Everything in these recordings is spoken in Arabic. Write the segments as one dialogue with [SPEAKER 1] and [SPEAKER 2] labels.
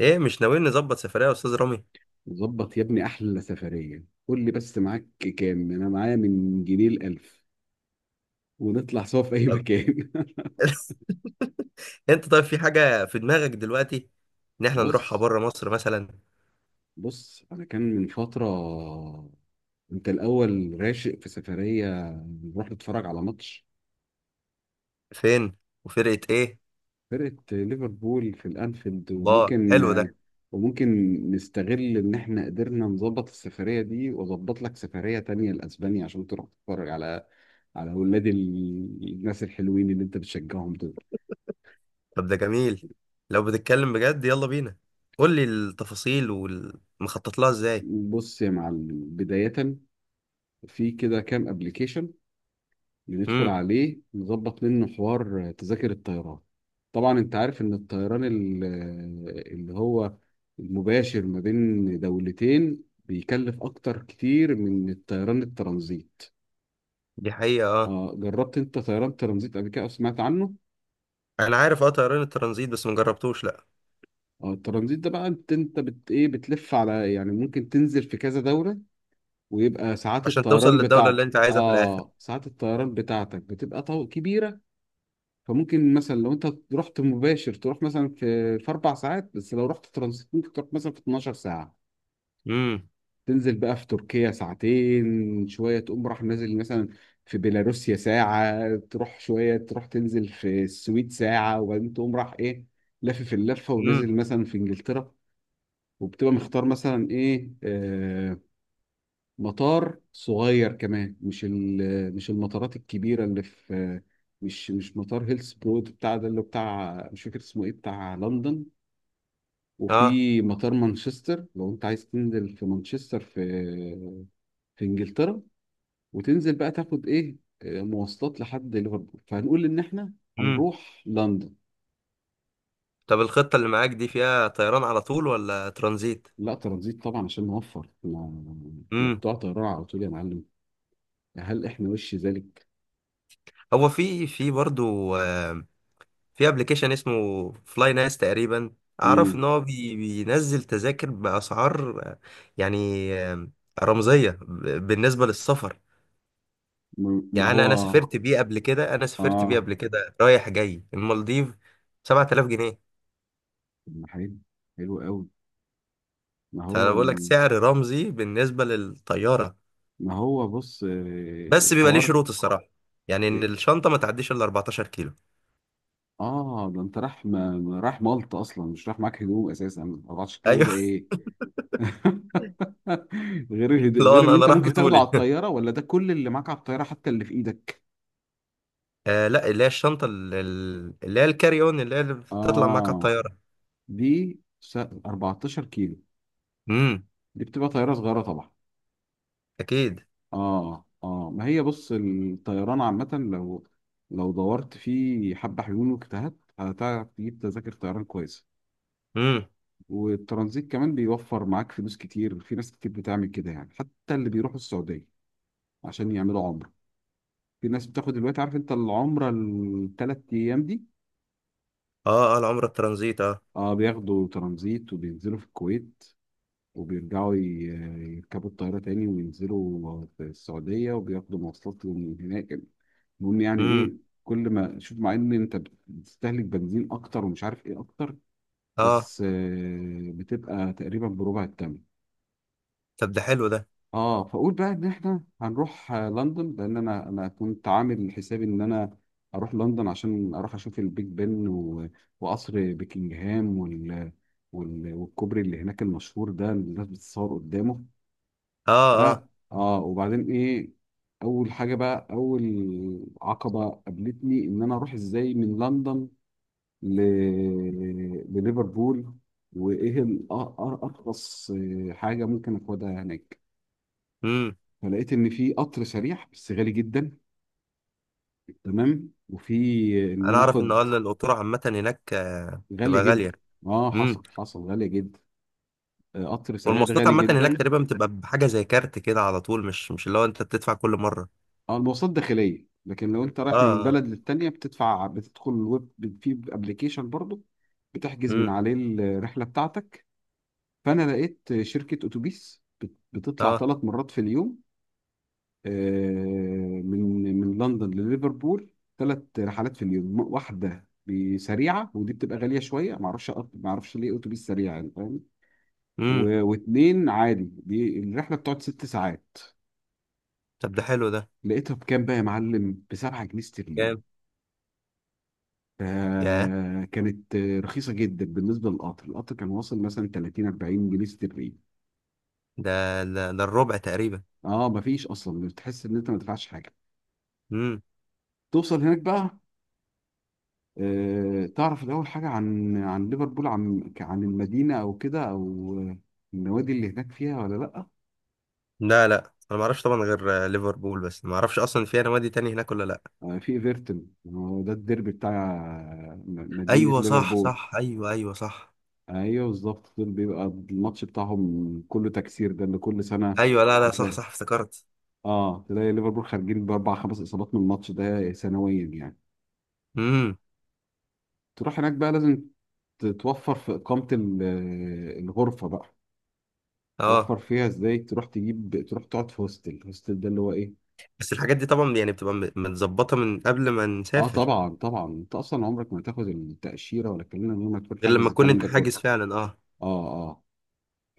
[SPEAKER 1] ايه، مش ناويين نظبط سفرية يا استاذ رامي؟
[SPEAKER 2] ظبط يا ابني احلى سفريه، قول لي بس معاك كام. انا معايا من جنيه الالف ونطلع سوا في اي
[SPEAKER 1] طب.
[SPEAKER 2] مكان.
[SPEAKER 1] انت طيب، في حاجة في دماغك دلوقتي ان احنا نروحها
[SPEAKER 2] بص
[SPEAKER 1] بره مصر مثلا؟
[SPEAKER 2] بص انا كان من فتره، انت الاول راشق في سفريه نروح نتفرج على ماتش
[SPEAKER 1] فين؟ وفرقة ايه؟
[SPEAKER 2] فرقه ليفربول في الانفيلد،
[SPEAKER 1] الله،
[SPEAKER 2] وممكن
[SPEAKER 1] حلو ده.
[SPEAKER 2] وممكن نستغل ان احنا قدرنا نظبط السفريه دي، واظبط لك سفريه تانية لاسبانيا عشان تروح تتفرج على اولاد الناس الحلوين اللي انت بتشجعهم دول.
[SPEAKER 1] طب ده جميل، لو بتتكلم بجد يلا بينا، قول لي التفاصيل والمخطط لها ازاي.
[SPEAKER 2] بص يا معلم، بداية في كده كام ابلكيشن بندخل
[SPEAKER 1] امم.
[SPEAKER 2] عليه نظبط منه حوار تذاكر الطيران. طبعا انت عارف ان الطيران اللي هو المباشر ما بين دولتين بيكلف اكتر كتير من الطيران الترانزيت.
[SPEAKER 1] دي حقيقة، اه.
[SPEAKER 2] اه، جربت انت طيران ترانزيت قبل كده او سمعت عنه؟
[SPEAKER 1] انا عارف، اه، طيران الترانزيت، بس ما جربتوش، لا.
[SPEAKER 2] اه، الترانزيت ده بقى انت بت ايه، بتلف على يعني ممكن تنزل في كذا دولة، ويبقى ساعات
[SPEAKER 1] عشان توصل
[SPEAKER 2] الطيران
[SPEAKER 1] للدولة اللي
[SPEAKER 2] بتاعتك،
[SPEAKER 1] انت عايزها في الاخر.
[SPEAKER 2] بتبقى كبيره. فممكن مثلا لو انت رحت مباشر تروح مثلا في 4 ساعات، بس لو رحت ترانزيت ممكن تروح مثلا في 12 ساعه.
[SPEAKER 1] امم،
[SPEAKER 2] تنزل بقى في تركيا ساعتين شويه، تقوم راح نازل مثلا في بيلاروسيا ساعه، تروح شويه تروح تنزل في السويد ساعه، وبعدين تقوم راح ايه، لافف اللفه
[SPEAKER 1] امم،
[SPEAKER 2] ونازل مثلا في انجلترا. وبتبقى مختار مثلا ايه، آه، مطار صغير كمان، مش مش المطارات الكبيره اللي في مش مطار هيلسبرود بتاع ده اللي بتاع، مش فاكر اسمه ايه، بتاع لندن.
[SPEAKER 1] اه،
[SPEAKER 2] وفي مطار مانشستر لو انت عايز تنزل في مانشستر، في في انجلترا، وتنزل بقى تاخد ايه، آه، مواصلات لحد ليفربول. فهنقول ان احنا
[SPEAKER 1] امم.
[SPEAKER 2] هنروح لندن.
[SPEAKER 1] طب، الخطة اللي معاك دي فيها طيران على طول ولا ترانزيت؟
[SPEAKER 2] لا ترانزيت طبعا عشان نوفر، لا لا، بتوع طيران على طول يا معلم؟ هل احنا وش ذلك؟
[SPEAKER 1] هو في برضه، آه، في ابلكيشن اسمه فلاي ناس تقريبا. اعرف ان
[SPEAKER 2] مم.
[SPEAKER 1] هو بينزل تذاكر باسعار، يعني، رمزيه بالنسبه للسفر.
[SPEAKER 2] ما
[SPEAKER 1] يعني
[SPEAKER 2] هو
[SPEAKER 1] انا سافرت بيه
[SPEAKER 2] اه.
[SPEAKER 1] قبل كده رايح جاي المالديف 7000 جنيه.
[SPEAKER 2] طب ما حلو، حلو قوي. ما هو
[SPEAKER 1] فانا بقول لك
[SPEAKER 2] ال...
[SPEAKER 1] سعر رمزي بالنسبه للطياره.
[SPEAKER 2] ما هو بص آه،
[SPEAKER 1] بس بيبقى ليه
[SPEAKER 2] حوار.
[SPEAKER 1] شروط الصراحه، يعني ان
[SPEAKER 2] اه،
[SPEAKER 1] الشنطه ما تعديش الا 14 كيلو.
[SPEAKER 2] آه، ده انت راح مالطا اصلا مش راح معاك هدوم اساسا، 14 كيلو
[SPEAKER 1] ايوه.
[SPEAKER 2] ده ايه!
[SPEAKER 1] لا،
[SPEAKER 2] غير
[SPEAKER 1] انا
[SPEAKER 2] اللي
[SPEAKER 1] انا
[SPEAKER 2] انت
[SPEAKER 1] راح
[SPEAKER 2] ممكن تاخده على
[SPEAKER 1] بطولي.
[SPEAKER 2] الطياره، ولا ده كل اللي معاك على الطياره حتى اللي في ايدك؟
[SPEAKER 1] لا، اللي هي الشنطة، اللي هي الكاري اون، اللي هي اللي بتطلع معاك على
[SPEAKER 2] اه،
[SPEAKER 1] الطيارة.
[SPEAKER 2] 14 كيلو
[SPEAKER 1] امم.
[SPEAKER 2] دي بتبقى طياره صغيره طبعا.
[SPEAKER 1] اكيد.
[SPEAKER 2] اه اه، ما هي بص الطيران عامه، لو دورت في حبه حلول واجتهدت هتعرف تجيب تذاكر طيران كويسه.
[SPEAKER 1] امم،
[SPEAKER 2] والترانزيت كمان بيوفر معاك فلوس كتير، في ناس كتير بتعمل كده يعني، حتى اللي بيروحوا السعودية عشان يعملوا عمرة. في ناس بتاخد دلوقتي، عارف انت العمرة الثلاث ايام دي؟
[SPEAKER 1] اه، اه. العمرة الترانزيت، اه.
[SPEAKER 2] اه، بياخدوا ترانزيت وبينزلوا في الكويت، وبيرجعوا ي- يركبوا الطيارة تاني وينزلوا في السعودية وبياخدوا مواصلات من هناك. المهم يعني ايه،
[SPEAKER 1] امم.
[SPEAKER 2] كل ما شوف مع ان انت بتستهلك بنزين اكتر ومش عارف ايه اكتر،
[SPEAKER 1] اه.
[SPEAKER 2] بس آه، بتبقى تقريبا بربع الثمن.
[SPEAKER 1] طب، ده حلو ده.
[SPEAKER 2] اه، فاقول بقى ان احنا هنروح آه، لندن، لان انا كنت عامل حسابي ان انا اروح لندن عشان اروح اشوف البيج بن، وقصر بكنجهام، والكوبري اللي هناك المشهور ده اللي الناس بتتصور قدامه.
[SPEAKER 1] اه، اه.
[SPEAKER 2] اه اه، وبعدين ايه، اول حاجه بقى، اول عقبه قابلتني ان انا اروح ازاي من لندن ل... لليفربول، وايه ارخص آه، حاجه ممكن اخدها هناك.
[SPEAKER 1] امم.
[SPEAKER 2] فلقيت ان في قطر سريع بس غالي جدا، تمام، وفي ان
[SPEAKER 1] انا
[SPEAKER 2] انا
[SPEAKER 1] اعرف ان اه
[SPEAKER 2] اخد.
[SPEAKER 1] إن القطورة عامة هناك،
[SPEAKER 2] غالي
[SPEAKER 1] بتبقى غالية.
[SPEAKER 2] جدا، اه حصل
[SPEAKER 1] امم.
[SPEAKER 2] حصل، غالي جدا. آه، قطر سريع ده
[SPEAKER 1] والمواصلات
[SPEAKER 2] غالي
[SPEAKER 1] عامة هناك
[SPEAKER 2] جدا.
[SPEAKER 1] تقريبا بتبقى بحاجة زي كارت كده على طول، مش اللي هو انت بتدفع كل مرة.
[SPEAKER 2] اه، المواصلات داخليه، لكن لو انت
[SPEAKER 1] اه،
[SPEAKER 2] رايح من
[SPEAKER 1] اه.
[SPEAKER 2] بلد للتانيه بتدفع، بتدخل الويب، في ابلكيشن برضو بتحجز من
[SPEAKER 1] امم.
[SPEAKER 2] عليه الرحله بتاعتك. فانا لقيت شركه اتوبيس بتطلع
[SPEAKER 1] اه.
[SPEAKER 2] 3 مرات في اليوم، آه، من لندن لليفربول، 3 رحلات في اليوم، واحده بسريعه ودي بتبقى غاليه شويه، ما اعرفش ليه اتوبيس سريع يعني، فاهم؟
[SPEAKER 1] امم.
[SPEAKER 2] واتنين عادي، دي الرحله بتقعد 6 ساعات.
[SPEAKER 1] طب، ده حلو ده.
[SPEAKER 2] لقيتها بكام بقى يا معلم؟ ب 7 جنيه استرليني.
[SPEAKER 1] كام؟ ياه!
[SPEAKER 2] آه، كانت آه، رخيصه جدا بالنسبه للقطر، القطر كان واصل مثلا 30 40 جنيه استرليني.
[SPEAKER 1] ده ده الربع تقريبا.
[SPEAKER 2] اه، مفيش اصلا، بتحس ان انت ما دفعتش حاجه. توصل هناك بقى، آه، تعرف الأول حاجة عن ليفربول، عن المدينة أو كده أو آه، النوادي اللي هناك فيها ولا لأ؟
[SPEAKER 1] لا، لا، انا ما اعرفش طبعا، غير ليفربول، بس ما اعرفش اصلا فيها نوادي تاني هناك ولا لا.
[SPEAKER 2] آه، في ايفرتون، هو ده الديربي بتاع آه، مدينة
[SPEAKER 1] ايوه، صح،
[SPEAKER 2] ليفربول.
[SPEAKER 1] صح، ايوه، ايوه، صح.
[SPEAKER 2] أيوه بالظبط، دول بيبقى الماتش بتاعهم كله تكسير، ده اللي كل سنة
[SPEAKER 1] ايوه، لا، لا، صح،
[SPEAKER 2] بتلاقي،
[SPEAKER 1] صح، افتكرت.
[SPEAKER 2] اه تلاقي ليفربول خارجين بأربع خمس إصابات من الماتش ده سنويا يعني.
[SPEAKER 1] امم.
[SPEAKER 2] تروح هناك بقى، لازم تتوفر في إقامة آه، الغرفة بقى. توفر
[SPEAKER 1] اه.
[SPEAKER 2] فيها ازاي؟ تروح تجيب، تروح تقعد في هوستل، الهوستل ده اللي هو ايه.
[SPEAKER 1] بس الحاجات دي طبعا يعني بتبقى متظبطه من قبل ما
[SPEAKER 2] اه
[SPEAKER 1] نسافر.
[SPEAKER 2] طبعا طبعا، انت اصلا عمرك ما هتاخد التاشيره ولا الكلام ده من غير ما تكون
[SPEAKER 1] غير
[SPEAKER 2] حاجز
[SPEAKER 1] لما تكون
[SPEAKER 2] الكلام
[SPEAKER 1] انت
[SPEAKER 2] ده كله.
[SPEAKER 1] حاجز فعلا، اه.
[SPEAKER 2] اه اه،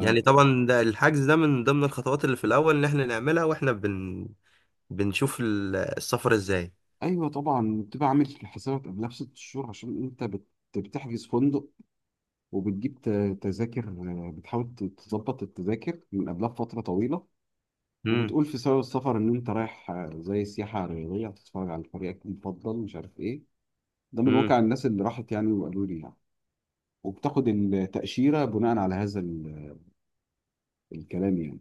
[SPEAKER 1] يعني طبعا ده الحجز ده من ضمن الخطوات اللي في الاول ان احنا نعملها، واحنا بنشوف السفر ازاي.
[SPEAKER 2] ايوه طبعا بتبقى عامل حسابك قبلها ب 6 شهور، عشان انت بتحجز فندق وبتجيب تذاكر آه، بتحاول تظبط التذاكر من قبلها بفتره طويله.
[SPEAKER 1] امم.
[SPEAKER 2] وبتقول في سبب السفر ان انت رايح آه، زي سياحه رياضيه هتتفرج على فريقك المفضل مش عارف ايه، ده من
[SPEAKER 1] امم.
[SPEAKER 2] واقع الناس اللي راحت يعني وقالوا لي يعني. وبتاخد التاشيره بناء على هذا الكلام يعني.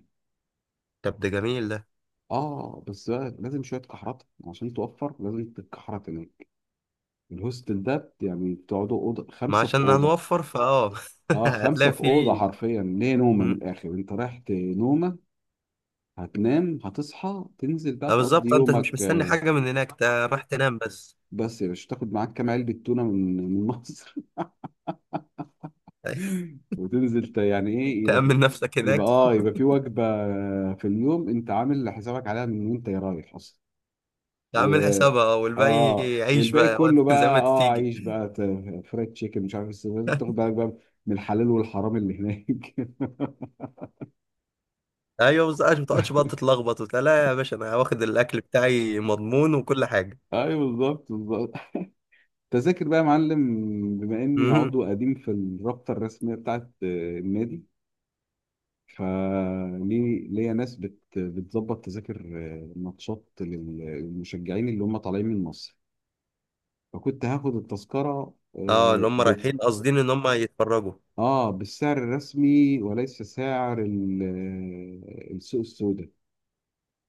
[SPEAKER 1] طب، ده جميل ده.
[SPEAKER 2] اه، بس بقى لازم شويه كحرات عشان توفر، لازم تتكحرت هناك. الهوستل ده يعني بتقعدوا اوضه،
[SPEAKER 1] ما
[SPEAKER 2] خمسه في
[SPEAKER 1] عشان
[SPEAKER 2] اوضه.
[SPEAKER 1] هنوفر فاه.
[SPEAKER 2] اه، خمسه
[SPEAKER 1] هتلاقي
[SPEAKER 2] في اوضه
[SPEAKER 1] فيه.
[SPEAKER 2] حرفيا، ليه؟ نومه من الاخر، انت رايح نومه، هتنام هتصحى تنزل بقى
[SPEAKER 1] اه،
[SPEAKER 2] تقضي
[SPEAKER 1] بالظبط انت مش
[SPEAKER 2] يومك
[SPEAKER 1] مستني
[SPEAKER 2] آه،
[SPEAKER 1] حاجه من هناك، انت راح تنام بس.
[SPEAKER 2] بس يا باشا تاخد معاك كام علبه تونه من مصر. يعني ايه،
[SPEAKER 1] تأمن نفسك
[SPEAKER 2] يبقى
[SPEAKER 1] هناك.
[SPEAKER 2] اه يبقى في وجبه في اليوم انت عامل حسابك عليها من وانت رايح اصلا. و
[SPEAKER 1] تعمل حسابها والباقي.
[SPEAKER 2] اه،
[SPEAKER 1] عيش
[SPEAKER 2] والباقي
[SPEAKER 1] بقى وقت
[SPEAKER 2] كله
[SPEAKER 1] زي ما
[SPEAKER 2] بقى، اه
[SPEAKER 1] تيجي.
[SPEAKER 2] عيش بقى، فرايد تشيكن مش عارف إيه، تاخد بالك بقى من الحلال والحرام اللي هناك.
[SPEAKER 1] ايوه، بس عشان ما تقعدش بقى تتلخبط وبتاع، لا يا باشا، انا واخد الاكل بتاعي مضمون وكل حاجه.
[SPEAKER 2] ايوه بالظبط بالظبط. تذاكر بقى يا معلم، بما اني
[SPEAKER 1] امم.
[SPEAKER 2] عضو قديم في الرابطه الرسميه بتاعت آه، النادي، فليه ليا ناس بتظبط تذاكر آه، ماتشات للمشجعين اللي هم طالعين من مصر. فكنت هاخد التذكره
[SPEAKER 1] اه. اللي هم رايحين قاصدين ان هم يتفرجوا.
[SPEAKER 2] اه بالسعر الرسمي، وليس سعر السوق السوداء.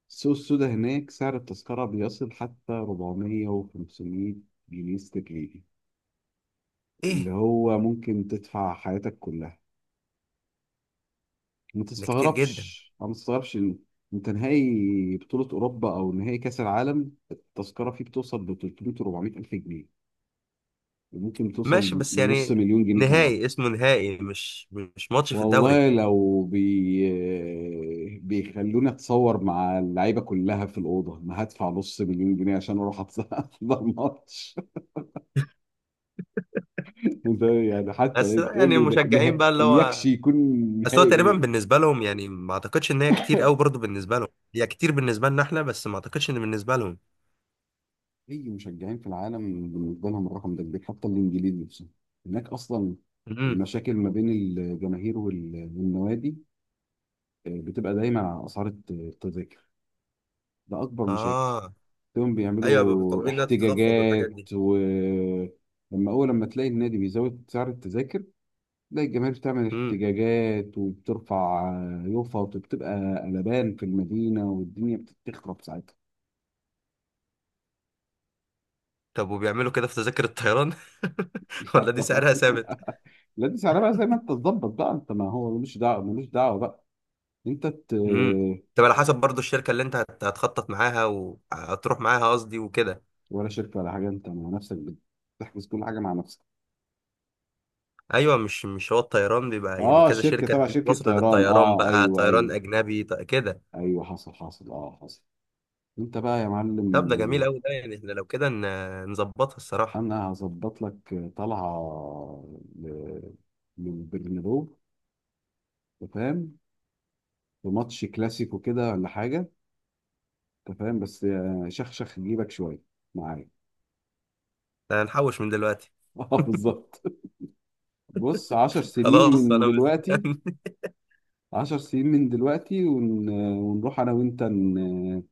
[SPEAKER 2] السوق السوداء هناك سعر التذكرة بيصل حتى 400 و500 جنيه استرليني، اللي
[SPEAKER 1] ايه؟
[SPEAKER 2] هو ممكن تدفع حياتك كلها. ما
[SPEAKER 1] ده كتير جدا.
[SPEAKER 2] تستغربش، إن انت نهائي بطولة أوروبا أو نهائي كأس العالم التذكرة فيه بتوصل ل 300 و400 ألف جنيه، وممكن
[SPEAKER 1] ماشي،
[SPEAKER 2] توصل
[SPEAKER 1] بس
[SPEAKER 2] لنص
[SPEAKER 1] يعني
[SPEAKER 2] مليون جنيه كمان.
[SPEAKER 1] نهائي اسمه نهائي، مش ماتش في الدوري.
[SPEAKER 2] والله لو بي... آه، بيخلوني اتصور مع اللعيبه كلها في الاوضه ما هدفع نص مليون جنيه عشان اروح احضر ماتش ده، يعني
[SPEAKER 1] بس
[SPEAKER 2] حتى تقول
[SPEAKER 1] يعني
[SPEAKER 2] لي ده
[SPEAKER 1] المشجعين بقى،
[SPEAKER 2] نهائي
[SPEAKER 1] اللي
[SPEAKER 2] يكشي
[SPEAKER 1] هو
[SPEAKER 2] يكون
[SPEAKER 1] اصل
[SPEAKER 2] نهائي
[SPEAKER 1] هو تقريبا
[SPEAKER 2] ايه.
[SPEAKER 1] بالنسبه لهم، يعني ما اعتقدش ان هي كتير قوي برضه بالنسبه لهم. هي كتير بالنسبه لنا احنا، بس ما اعتقدش ان بالنسبه لهم.
[SPEAKER 2] اي مشجعين في العالم بالنسبه لهم الرقم ده كبير، حتى الانجليز نفسهم هناك اصلا،
[SPEAKER 1] امم.
[SPEAKER 2] المشاكل ما بين الجماهير والنوادي آه، بتبقى دايما على اسعار التذاكر. ده اكبر مشاكل.
[SPEAKER 1] اه.
[SPEAKER 2] تقوم
[SPEAKER 1] ايوه، بيبقوا
[SPEAKER 2] بيعملوا
[SPEAKER 1] طالبين انها تتخفض والحاجات دي.
[SPEAKER 2] احتجاجات، ولما اول لما تلاقي النادي بيزود سعر التذاكر، تلاقي الجماهير بتعمل
[SPEAKER 1] امم.
[SPEAKER 2] احتجاجات وبترفع يوفا، وبتبقى قلبان في المدينه والدنيا بتخرب ساعتها.
[SPEAKER 1] طب، وبيعملوا كده في تذاكر الطيران؟
[SPEAKER 2] لا
[SPEAKER 1] ولا دي
[SPEAKER 2] طبعا،
[SPEAKER 1] سعرها ثابت؟
[SPEAKER 2] لا دي سعرها بقى زي ما انت تظبط بقى، انت ما هو ملوش دعوه، ملوش دعوه بقى انت
[SPEAKER 1] امم. طب، على حسب برضه الشركه اللي انت هتخطط معاها وهتروح معاها، قصدي وكده.
[SPEAKER 2] ولا شركه ولا حاجه، انت مع نفسك بتحجز كل حاجه مع نفسك.
[SPEAKER 1] ايوه، مش هو الطيران بيبقى يعني
[SPEAKER 2] اه،
[SPEAKER 1] كذا
[SPEAKER 2] شركه
[SPEAKER 1] شركه،
[SPEAKER 2] تبع
[SPEAKER 1] في
[SPEAKER 2] شركه
[SPEAKER 1] مصر
[SPEAKER 2] طيران،
[SPEAKER 1] للطيران
[SPEAKER 2] اه
[SPEAKER 1] بقى
[SPEAKER 2] ايوه
[SPEAKER 1] طيران
[SPEAKER 2] ايوه،
[SPEAKER 1] اجنبي، كده.
[SPEAKER 2] ايوه حصل حصل، اه حصل. انت بقى يا معلم،
[SPEAKER 1] طب، ده جميل قوي ده، يعني احنا لو كده نظبطها الصراحه.
[SPEAKER 2] انا هظبط لك طلعه ل- للبرنابيو، أنت فاهم؟ في ماتش كلاسيكو كده ولا حاجه، انت فاهم؟ بس آه، شخشخ جيبك شويه معايا.
[SPEAKER 1] ده هنحوش من دلوقتي.
[SPEAKER 2] اه بالظبط، بص 10 سنين
[SPEAKER 1] خلاص،
[SPEAKER 2] من
[SPEAKER 1] انا
[SPEAKER 2] دلوقتي،
[SPEAKER 1] مستني.
[SPEAKER 2] عشر سنين من دلوقتي ون... ونروح انا وانت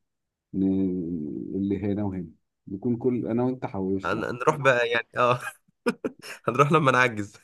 [SPEAKER 2] ن... اللي هنا وهنا، نكون كل انا وانت حوشنا.
[SPEAKER 1] هنروح بقى، يعني اه. هنروح لما نعجز.